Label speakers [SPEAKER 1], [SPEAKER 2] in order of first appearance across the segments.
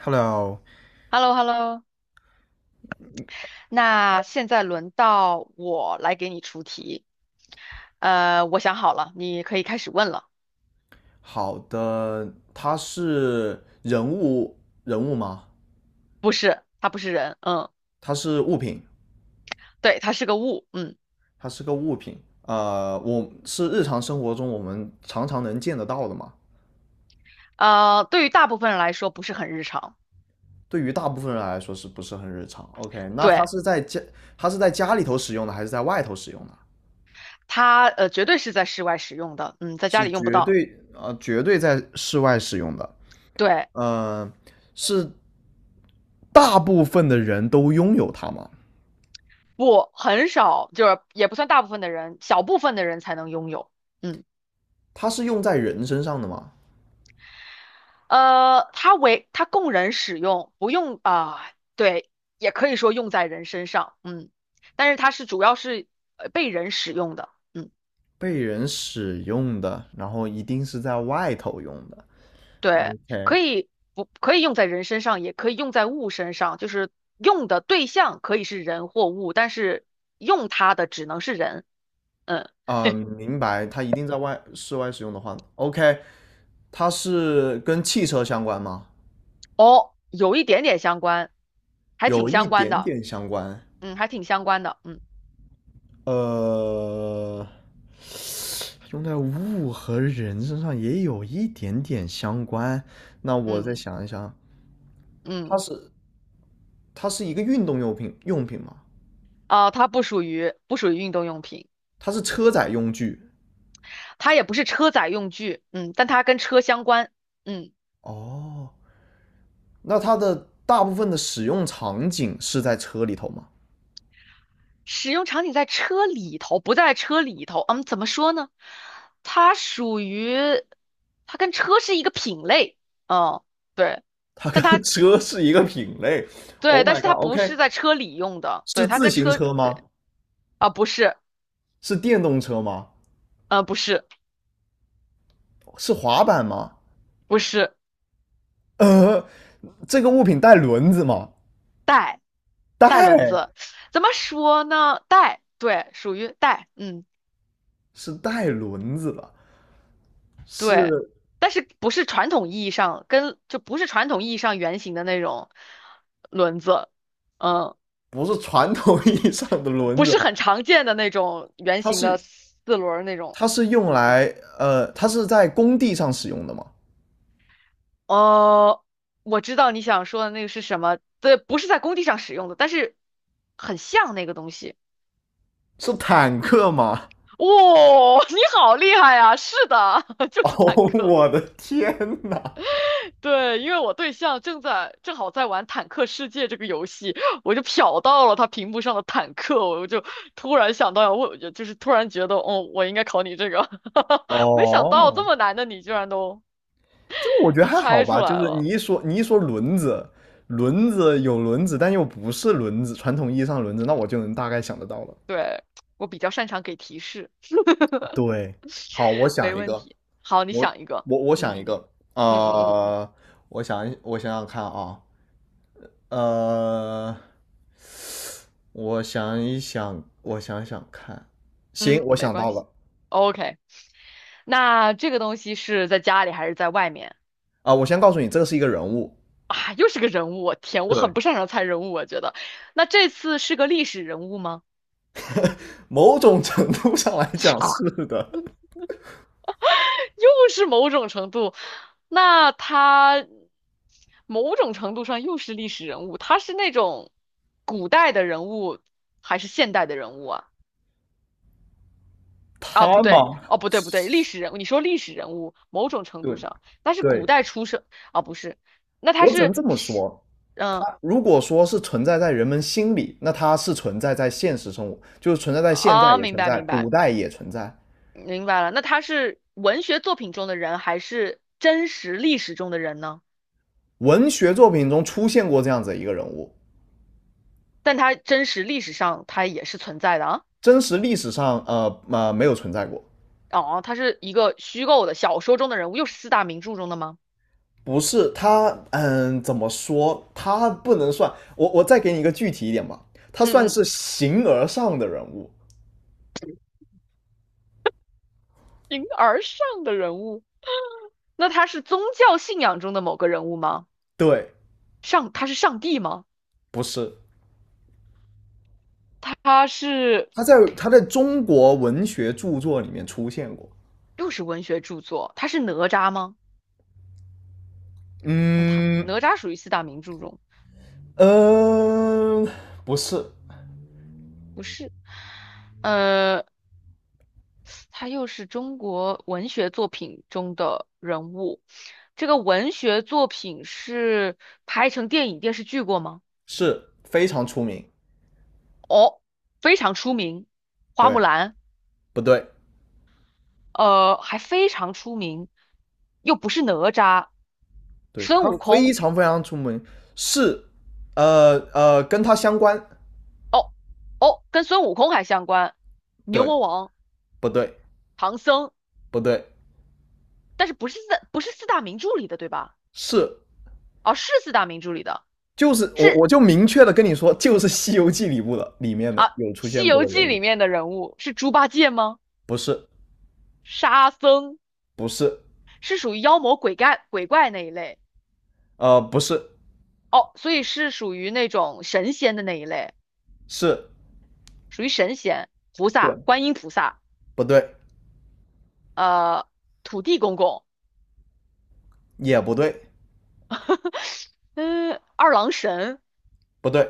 [SPEAKER 1] Hello，
[SPEAKER 2] h e l l o h e l l o 那现在轮到我来给你出题。我想好了，你可以开始问了。
[SPEAKER 1] 好的，它是人物吗？
[SPEAKER 2] 不是，它不是人，嗯，
[SPEAKER 1] 它是物品，
[SPEAKER 2] 对，它是个物，嗯，
[SPEAKER 1] 它是个物品。我是日常生活中我们常常能见得到的嘛。
[SPEAKER 2] 对于大部分人来说不是很日常，
[SPEAKER 1] 对于大部分人来说是不是很日常？OK，那它
[SPEAKER 2] 对，
[SPEAKER 1] 是在家，它是在家里头使用的，还是在外头使用的？
[SPEAKER 2] 它绝对是在室外使用的，嗯，在家
[SPEAKER 1] 是
[SPEAKER 2] 里用不
[SPEAKER 1] 绝
[SPEAKER 2] 到，
[SPEAKER 1] 对绝对在室外使用的。
[SPEAKER 2] 对，
[SPEAKER 1] 呃，是大部分的人都拥有它吗？
[SPEAKER 2] 不，很少，就是也不算大部分的人，小部分的人才能拥有，嗯。
[SPEAKER 1] 它是用在人身上的吗？
[SPEAKER 2] 它供人使用，不用啊、对，也可以说用在人身上，嗯，但是它是主要是被人使用的，嗯，
[SPEAKER 1] 被人使用的，然后一定是在外头用的。
[SPEAKER 2] 对，
[SPEAKER 1] OK，
[SPEAKER 2] 可以不可以用在人身上，也可以用在物身上，就是用的对象可以是人或物，但是用它的只能是人，嗯，
[SPEAKER 1] 啊、明白，它一定在外室外使用的话，OK，它是跟汽车相关吗？
[SPEAKER 2] 哦，有一点点相关，还
[SPEAKER 1] 有
[SPEAKER 2] 挺
[SPEAKER 1] 一
[SPEAKER 2] 相关
[SPEAKER 1] 点
[SPEAKER 2] 的，
[SPEAKER 1] 点相关。
[SPEAKER 2] 嗯，还挺相关的，
[SPEAKER 1] 呃，用在物和人身上也有一点点相关。那我再
[SPEAKER 2] 嗯
[SPEAKER 1] 想一想，它
[SPEAKER 2] 嗯，
[SPEAKER 1] 是它是一个运动用品用品吗？
[SPEAKER 2] 啊、它不属于运动用品。
[SPEAKER 1] 它是车载用具。
[SPEAKER 2] 它也不是车载用具，嗯，但它跟车相关，嗯，
[SPEAKER 1] 哦，那它的大部分的使用场景是在车里头吗？
[SPEAKER 2] 使用场景在车里头，不在车里头，嗯，怎么说呢？它属于，它跟车是一个品类，嗯，对，
[SPEAKER 1] 它跟
[SPEAKER 2] 但它
[SPEAKER 1] 车是一个品类。
[SPEAKER 2] 对，
[SPEAKER 1] Oh
[SPEAKER 2] 但
[SPEAKER 1] my
[SPEAKER 2] 是它不
[SPEAKER 1] god，OK，、
[SPEAKER 2] 是在车里用的，
[SPEAKER 1] 是
[SPEAKER 2] 对，它
[SPEAKER 1] 自
[SPEAKER 2] 跟
[SPEAKER 1] 行
[SPEAKER 2] 车，
[SPEAKER 1] 车吗？
[SPEAKER 2] 对，啊，不是，
[SPEAKER 1] 是电动车吗？
[SPEAKER 2] 不是，
[SPEAKER 1] 是滑板吗？
[SPEAKER 2] 不是，
[SPEAKER 1] 呃，这个物品带轮子吗？
[SPEAKER 2] 带，带轮
[SPEAKER 1] 带，
[SPEAKER 2] 子，怎么说呢？带，对，属于带，嗯。
[SPEAKER 1] 是带轮子的，
[SPEAKER 2] 对，
[SPEAKER 1] 是
[SPEAKER 2] 但是不是传统意义上不是传统意义上圆形的那种轮子，嗯，
[SPEAKER 1] 不是传统意义上的轮
[SPEAKER 2] 不
[SPEAKER 1] 子？
[SPEAKER 2] 是很常见的那种圆
[SPEAKER 1] 它
[SPEAKER 2] 形的
[SPEAKER 1] 是
[SPEAKER 2] 四轮儿那种，
[SPEAKER 1] 它是用
[SPEAKER 2] 嗯，
[SPEAKER 1] 来它是在工地上使用的吗？
[SPEAKER 2] 哦，我知道你想说的那个是什么，对，不是在工地上使用的，但是很像那个东西。
[SPEAKER 1] 是坦克吗？
[SPEAKER 2] 哇、你好厉害呀！是的，就
[SPEAKER 1] 哦，
[SPEAKER 2] 是坦克。
[SPEAKER 1] 我的天呐！
[SPEAKER 2] 对，因为我对象正好在玩《坦克世界》这个游戏，我就瞟到了他屏幕上的坦克，我就突然想到我问，就是突然觉得，哦，我应该考你这个，没想到这
[SPEAKER 1] 哦，
[SPEAKER 2] 么难的你居然都
[SPEAKER 1] 这我觉得还好
[SPEAKER 2] 猜出
[SPEAKER 1] 吧，就
[SPEAKER 2] 来
[SPEAKER 1] 是
[SPEAKER 2] 了。
[SPEAKER 1] 你一说轮子，轮子有轮子，但又不是轮子，传统意义上的轮子，那我就能大概想得到了。
[SPEAKER 2] 对，我比较擅长给提示，
[SPEAKER 1] 对，好，我想
[SPEAKER 2] 没
[SPEAKER 1] 一
[SPEAKER 2] 问
[SPEAKER 1] 个，
[SPEAKER 2] 题。好，你
[SPEAKER 1] 我
[SPEAKER 2] 想一个，
[SPEAKER 1] 我想
[SPEAKER 2] 嗯
[SPEAKER 1] 一个，
[SPEAKER 2] 嗯嗯
[SPEAKER 1] 呃，我想想看啊，呃，我想一想，我想想看，行，
[SPEAKER 2] 嗯。嗯，
[SPEAKER 1] 我
[SPEAKER 2] 没
[SPEAKER 1] 想
[SPEAKER 2] 关
[SPEAKER 1] 到
[SPEAKER 2] 系。
[SPEAKER 1] 了
[SPEAKER 2] OK,那这个东西是在家里还是在外面？
[SPEAKER 1] 啊，我先告诉你，这个是一个人物，
[SPEAKER 2] 啊，又是个人物，我天，我
[SPEAKER 1] 对，
[SPEAKER 2] 很不擅长猜人物，我觉得。那这次是个历史人物吗？
[SPEAKER 1] 某种程度上来讲是 的，
[SPEAKER 2] 又是某种程度，那他某种程度上又是历史人物，他是那种古代的人物还是现代的人物啊？啊，不
[SPEAKER 1] 他
[SPEAKER 2] 对，
[SPEAKER 1] 嘛，
[SPEAKER 2] 哦，不对，不对，历史人物，你说历史人物，某种程度
[SPEAKER 1] 对
[SPEAKER 2] 上，那是
[SPEAKER 1] 对，
[SPEAKER 2] 古代出生，啊，不是，那
[SPEAKER 1] 我只能这么
[SPEAKER 2] 是，
[SPEAKER 1] 说，
[SPEAKER 2] 嗯，
[SPEAKER 1] 它如果说是存在在人们心里，那它是存在在现实生活，就是存在在现在
[SPEAKER 2] 啊，
[SPEAKER 1] 也
[SPEAKER 2] 明
[SPEAKER 1] 存
[SPEAKER 2] 白
[SPEAKER 1] 在，
[SPEAKER 2] 明
[SPEAKER 1] 古
[SPEAKER 2] 白，
[SPEAKER 1] 代也存在。
[SPEAKER 2] 明白了，那他是文学作品中的人，还是真实历史中的人呢？
[SPEAKER 1] 文学作品中出现过这样子一个人物，
[SPEAKER 2] 但他真实历史上他也是存在的啊。
[SPEAKER 1] 真实历史上没有存在过。
[SPEAKER 2] 哦，他是一个虚构的小说中的人物，又是四大名著中的吗？
[SPEAKER 1] 不是他，嗯，怎么说？他不能算我再给你一个具体一点吧，他算
[SPEAKER 2] 嗯嗯，
[SPEAKER 1] 是形而上的人物。
[SPEAKER 2] 形而上的人物，那他是宗教信仰中的某个人物吗？
[SPEAKER 1] 对，
[SPEAKER 2] 上，他是上帝吗？
[SPEAKER 1] 不是
[SPEAKER 2] 他是
[SPEAKER 1] 在他在中国文学著作里面出现过。
[SPEAKER 2] 又是文学著作，他是哪吒吗？哦，他
[SPEAKER 1] 嗯
[SPEAKER 2] 哪吒属于四大名著中，
[SPEAKER 1] 嗯、呃不是。
[SPEAKER 2] 不是。呃，他又是中国文学作品中的人物。这个文学作品是拍成电影电视剧过吗？
[SPEAKER 1] 是非常出名，
[SPEAKER 2] 哦，非常出名，《花木
[SPEAKER 1] 对
[SPEAKER 2] 兰》
[SPEAKER 1] 不对？
[SPEAKER 2] 还非常出名，又不是哪吒，
[SPEAKER 1] 对，
[SPEAKER 2] 孙
[SPEAKER 1] 他
[SPEAKER 2] 悟
[SPEAKER 1] 非
[SPEAKER 2] 空
[SPEAKER 1] 常非常出名，是，跟他相关，
[SPEAKER 2] 哦哦跟孙悟空还相关，牛
[SPEAKER 1] 对，
[SPEAKER 2] 魔王、
[SPEAKER 1] 不对？
[SPEAKER 2] 唐僧，
[SPEAKER 1] 不对，
[SPEAKER 2] 但是不是四大名著里的对吧？
[SPEAKER 1] 是，
[SPEAKER 2] 哦，是四大名著里的，
[SPEAKER 1] 就是我
[SPEAKER 2] 是
[SPEAKER 1] 我就明确的跟你说，就是《西游记》里面的有出
[SPEAKER 2] 《西
[SPEAKER 1] 现过
[SPEAKER 2] 游
[SPEAKER 1] 的人
[SPEAKER 2] 记》
[SPEAKER 1] 物，
[SPEAKER 2] 里面的人物，是猪八戒吗？
[SPEAKER 1] 不是，
[SPEAKER 2] 沙僧。
[SPEAKER 1] 不是，
[SPEAKER 2] 是属于妖魔鬼怪那一类
[SPEAKER 1] 呃，不是，
[SPEAKER 2] 哦，所以是属于那种神仙的那一类，
[SPEAKER 1] 是，
[SPEAKER 2] 属于神仙、菩
[SPEAKER 1] 对，
[SPEAKER 2] 萨、观音菩萨，
[SPEAKER 1] 不对？
[SPEAKER 2] 呃，土地公公，
[SPEAKER 1] 也不对，
[SPEAKER 2] 嗯，二郎神，
[SPEAKER 1] 不对，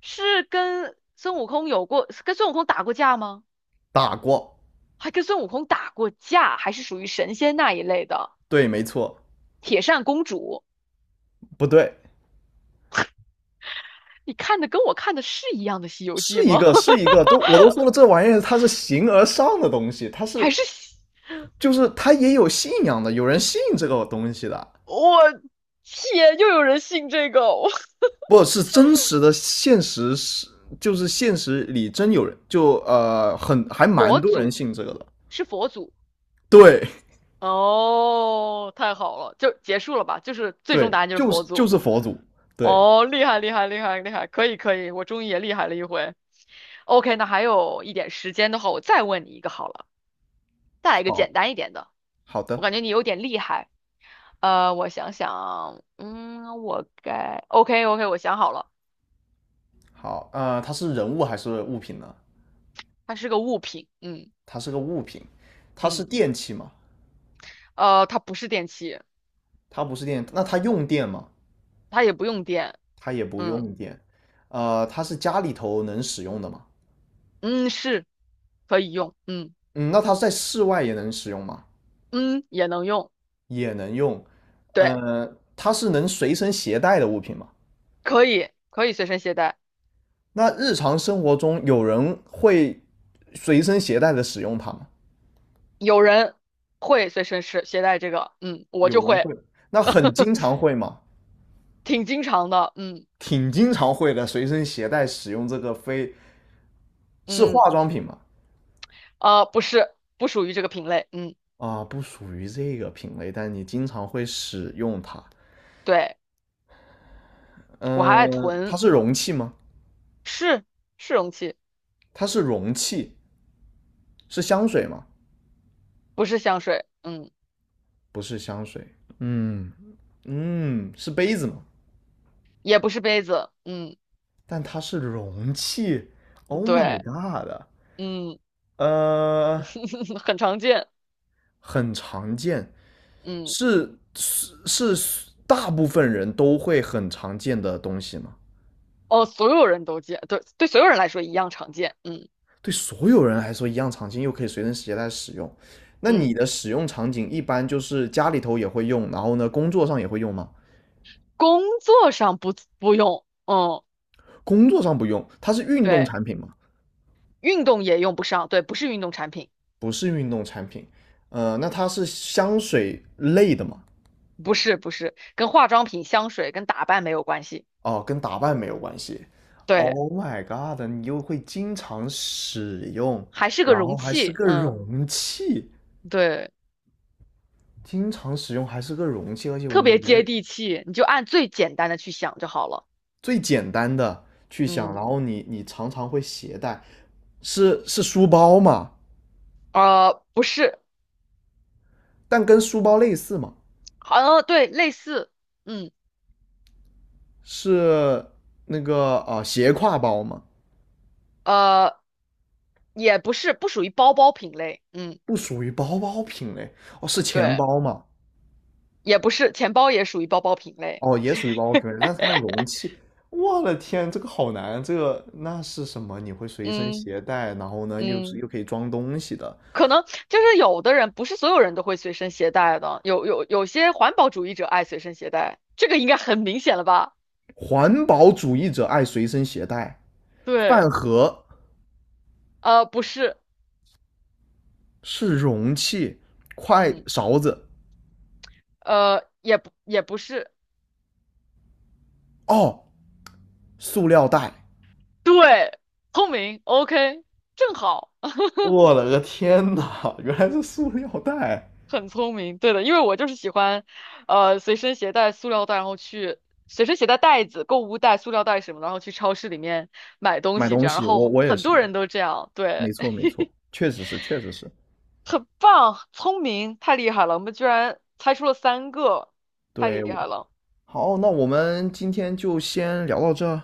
[SPEAKER 2] 是跟孙悟空有过，跟孙悟空打过架吗？
[SPEAKER 1] 打过，
[SPEAKER 2] 还跟孙悟空打过架，还是属于神仙那一类的
[SPEAKER 1] 对，没错，
[SPEAKER 2] 铁扇公主？
[SPEAKER 1] 不对，
[SPEAKER 2] 你看的跟我看的是一样的《西游记》
[SPEAKER 1] 是一
[SPEAKER 2] 吗？
[SPEAKER 1] 个，是 一个，都说了，这玩意儿它是形而上的东西，它是
[SPEAKER 2] 还是西
[SPEAKER 1] 就是他也有信仰的，有人信这个东西的，
[SPEAKER 2] 我天，又有人信这个哦，
[SPEAKER 1] 不是真实的现实是，就是现实里真有人，就很还 蛮
[SPEAKER 2] 佛
[SPEAKER 1] 多人
[SPEAKER 2] 祖
[SPEAKER 1] 信这个的，
[SPEAKER 2] 是佛祖。
[SPEAKER 1] 对
[SPEAKER 2] 哦，太好了，就结束了吧？就是最终
[SPEAKER 1] 对，
[SPEAKER 2] 答案就是佛
[SPEAKER 1] 就
[SPEAKER 2] 祖。
[SPEAKER 1] 是佛祖，对，
[SPEAKER 2] 哦，厉害厉害厉害厉害，可以可以，我终于也厉害了一回。OK,那还有一点时间的话，我再问你一个好了，再来一个
[SPEAKER 1] 好
[SPEAKER 2] 简单一点的。
[SPEAKER 1] 好
[SPEAKER 2] 我
[SPEAKER 1] 的
[SPEAKER 2] 感觉你有点厉害。我想想，嗯，OK OK,我想好了，
[SPEAKER 1] 好，呃，它是人物还是物品呢？
[SPEAKER 2] 它是个物品，嗯
[SPEAKER 1] 它是个物品，它是
[SPEAKER 2] 嗯，
[SPEAKER 1] 电器吗？
[SPEAKER 2] 它不是电器，
[SPEAKER 1] 它不是电，那它用电吗？
[SPEAKER 2] 它也不用电，
[SPEAKER 1] 它也不
[SPEAKER 2] 嗯
[SPEAKER 1] 用电，呃，它是家里头能使用的吗？
[SPEAKER 2] 嗯，可以用，嗯
[SPEAKER 1] 嗯，那它在室外也能使用吗？
[SPEAKER 2] 嗯，也能用。
[SPEAKER 1] 也能用，
[SPEAKER 2] 对。
[SPEAKER 1] 呃，它是能随身携带的物品吗？
[SPEAKER 2] 可以随身携带，
[SPEAKER 1] 那日常生活中有人会随身携带的使用它吗？
[SPEAKER 2] 有人会随身是携带这个，嗯，我
[SPEAKER 1] 有
[SPEAKER 2] 就
[SPEAKER 1] 人
[SPEAKER 2] 会，
[SPEAKER 1] 会，那很 经常会吗？
[SPEAKER 2] 挺经常的，嗯
[SPEAKER 1] 挺经常会的，随身携带使用这个非是
[SPEAKER 2] 嗯，
[SPEAKER 1] 化妆品吗？
[SPEAKER 2] 不是，不属于这个品类，嗯，
[SPEAKER 1] 啊，不属于这个品类，但你经常会使用它。
[SPEAKER 2] 对，我还爱
[SPEAKER 1] 嗯，它
[SPEAKER 2] 囤，
[SPEAKER 1] 是容器吗？
[SPEAKER 2] 是是容器，
[SPEAKER 1] 它是容器，是香水吗？
[SPEAKER 2] 不是香水，嗯，
[SPEAKER 1] 不是香水。嗯嗯，是杯子吗？
[SPEAKER 2] 也不是杯子，嗯，
[SPEAKER 1] 但它是容器，Oh my
[SPEAKER 2] 对，
[SPEAKER 1] god！
[SPEAKER 2] 嗯，
[SPEAKER 1] 呃，
[SPEAKER 2] 很常见，
[SPEAKER 1] 很常见，
[SPEAKER 2] 嗯，
[SPEAKER 1] 是大部分人都会很常见的东西吗？
[SPEAKER 2] 哦，所有人都见，对对，所有人来说一样常见，嗯
[SPEAKER 1] 对所有人来说一样常见，又可以随身携带使用。那你
[SPEAKER 2] 嗯，
[SPEAKER 1] 的使用场景一般就是家里头也会用，然后呢，工作上也会用吗？
[SPEAKER 2] 工作上不用，嗯，
[SPEAKER 1] 工作上不用，它是运动
[SPEAKER 2] 对，
[SPEAKER 1] 产品吗？
[SPEAKER 2] 运动也用不上，对，不是运动产品。
[SPEAKER 1] 不是运动产品。呃，那它是香水类的吗？
[SPEAKER 2] 不是不是，跟化妆品、香水跟打扮没有关系，
[SPEAKER 1] 哦，跟打扮没有关系。
[SPEAKER 2] 对，
[SPEAKER 1] Oh my god！你又会经常使用，
[SPEAKER 2] 还是个
[SPEAKER 1] 然后
[SPEAKER 2] 容
[SPEAKER 1] 还是
[SPEAKER 2] 器，
[SPEAKER 1] 个
[SPEAKER 2] 嗯，
[SPEAKER 1] 容器，
[SPEAKER 2] 对，
[SPEAKER 1] 经常使用还是个容器，而且我
[SPEAKER 2] 特
[SPEAKER 1] 们
[SPEAKER 2] 别接
[SPEAKER 1] 人
[SPEAKER 2] 地气，你就按最简单的去想就好了，
[SPEAKER 1] 最简单的去想，
[SPEAKER 2] 嗯，
[SPEAKER 1] 然后你常常会携带，是书包嘛？
[SPEAKER 2] 不是，
[SPEAKER 1] 但跟书包类似嘛？
[SPEAKER 2] 好像对，类似，嗯，
[SPEAKER 1] 是那个啊、呃斜挎包嘛？
[SPEAKER 2] 呃，也不是，不属于包包品类，嗯，
[SPEAKER 1] 不属于包包品类哦，是钱
[SPEAKER 2] 对，
[SPEAKER 1] 包嘛？
[SPEAKER 2] 也不是，钱包也属于包包品类，
[SPEAKER 1] 哦，也属于包包品牌，但是它容器，我的天，这个好难，这个那是什么？你会随身
[SPEAKER 2] 嗯
[SPEAKER 1] 携带，然后呢，又是
[SPEAKER 2] 嗯。
[SPEAKER 1] 又可以装东西的。
[SPEAKER 2] 可能就是有的人不是所有人都会随身携带的，有些环保主义者爱随身携带，这个应该很明显了吧？
[SPEAKER 1] 环保主义者爱随身携带，饭
[SPEAKER 2] 对。
[SPEAKER 1] 盒
[SPEAKER 2] 不是，
[SPEAKER 1] 是容器，筷
[SPEAKER 2] 嗯，
[SPEAKER 1] 勺子
[SPEAKER 2] 也不是，
[SPEAKER 1] 哦，塑料袋。
[SPEAKER 2] 对，聪明，OK,正好，
[SPEAKER 1] 我了个天呐，原来是塑料袋。
[SPEAKER 2] 很聪明，对的，因为我就是喜欢，随身携带塑料袋，然后去随身携带袋子、购物袋、塑料袋什么的，然后去超市里面买东
[SPEAKER 1] 买
[SPEAKER 2] 西，
[SPEAKER 1] 东
[SPEAKER 2] 这样，然
[SPEAKER 1] 西，我
[SPEAKER 2] 后
[SPEAKER 1] 我也
[SPEAKER 2] 很
[SPEAKER 1] 是，
[SPEAKER 2] 多人都这样，
[SPEAKER 1] 没
[SPEAKER 2] 对，
[SPEAKER 1] 错没错，确实是。
[SPEAKER 2] 很棒，聪明，太厉害了，我们居然猜出了三个，太
[SPEAKER 1] 对，
[SPEAKER 2] 厉
[SPEAKER 1] 我
[SPEAKER 2] 害了，
[SPEAKER 1] 好，那我们今天就先聊到这儿。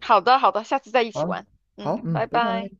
[SPEAKER 2] 好的，好的，下次再一起
[SPEAKER 1] 好，
[SPEAKER 2] 玩，
[SPEAKER 1] 好，
[SPEAKER 2] 嗯，
[SPEAKER 1] 嗯，
[SPEAKER 2] 拜
[SPEAKER 1] 拜拜。
[SPEAKER 2] 拜。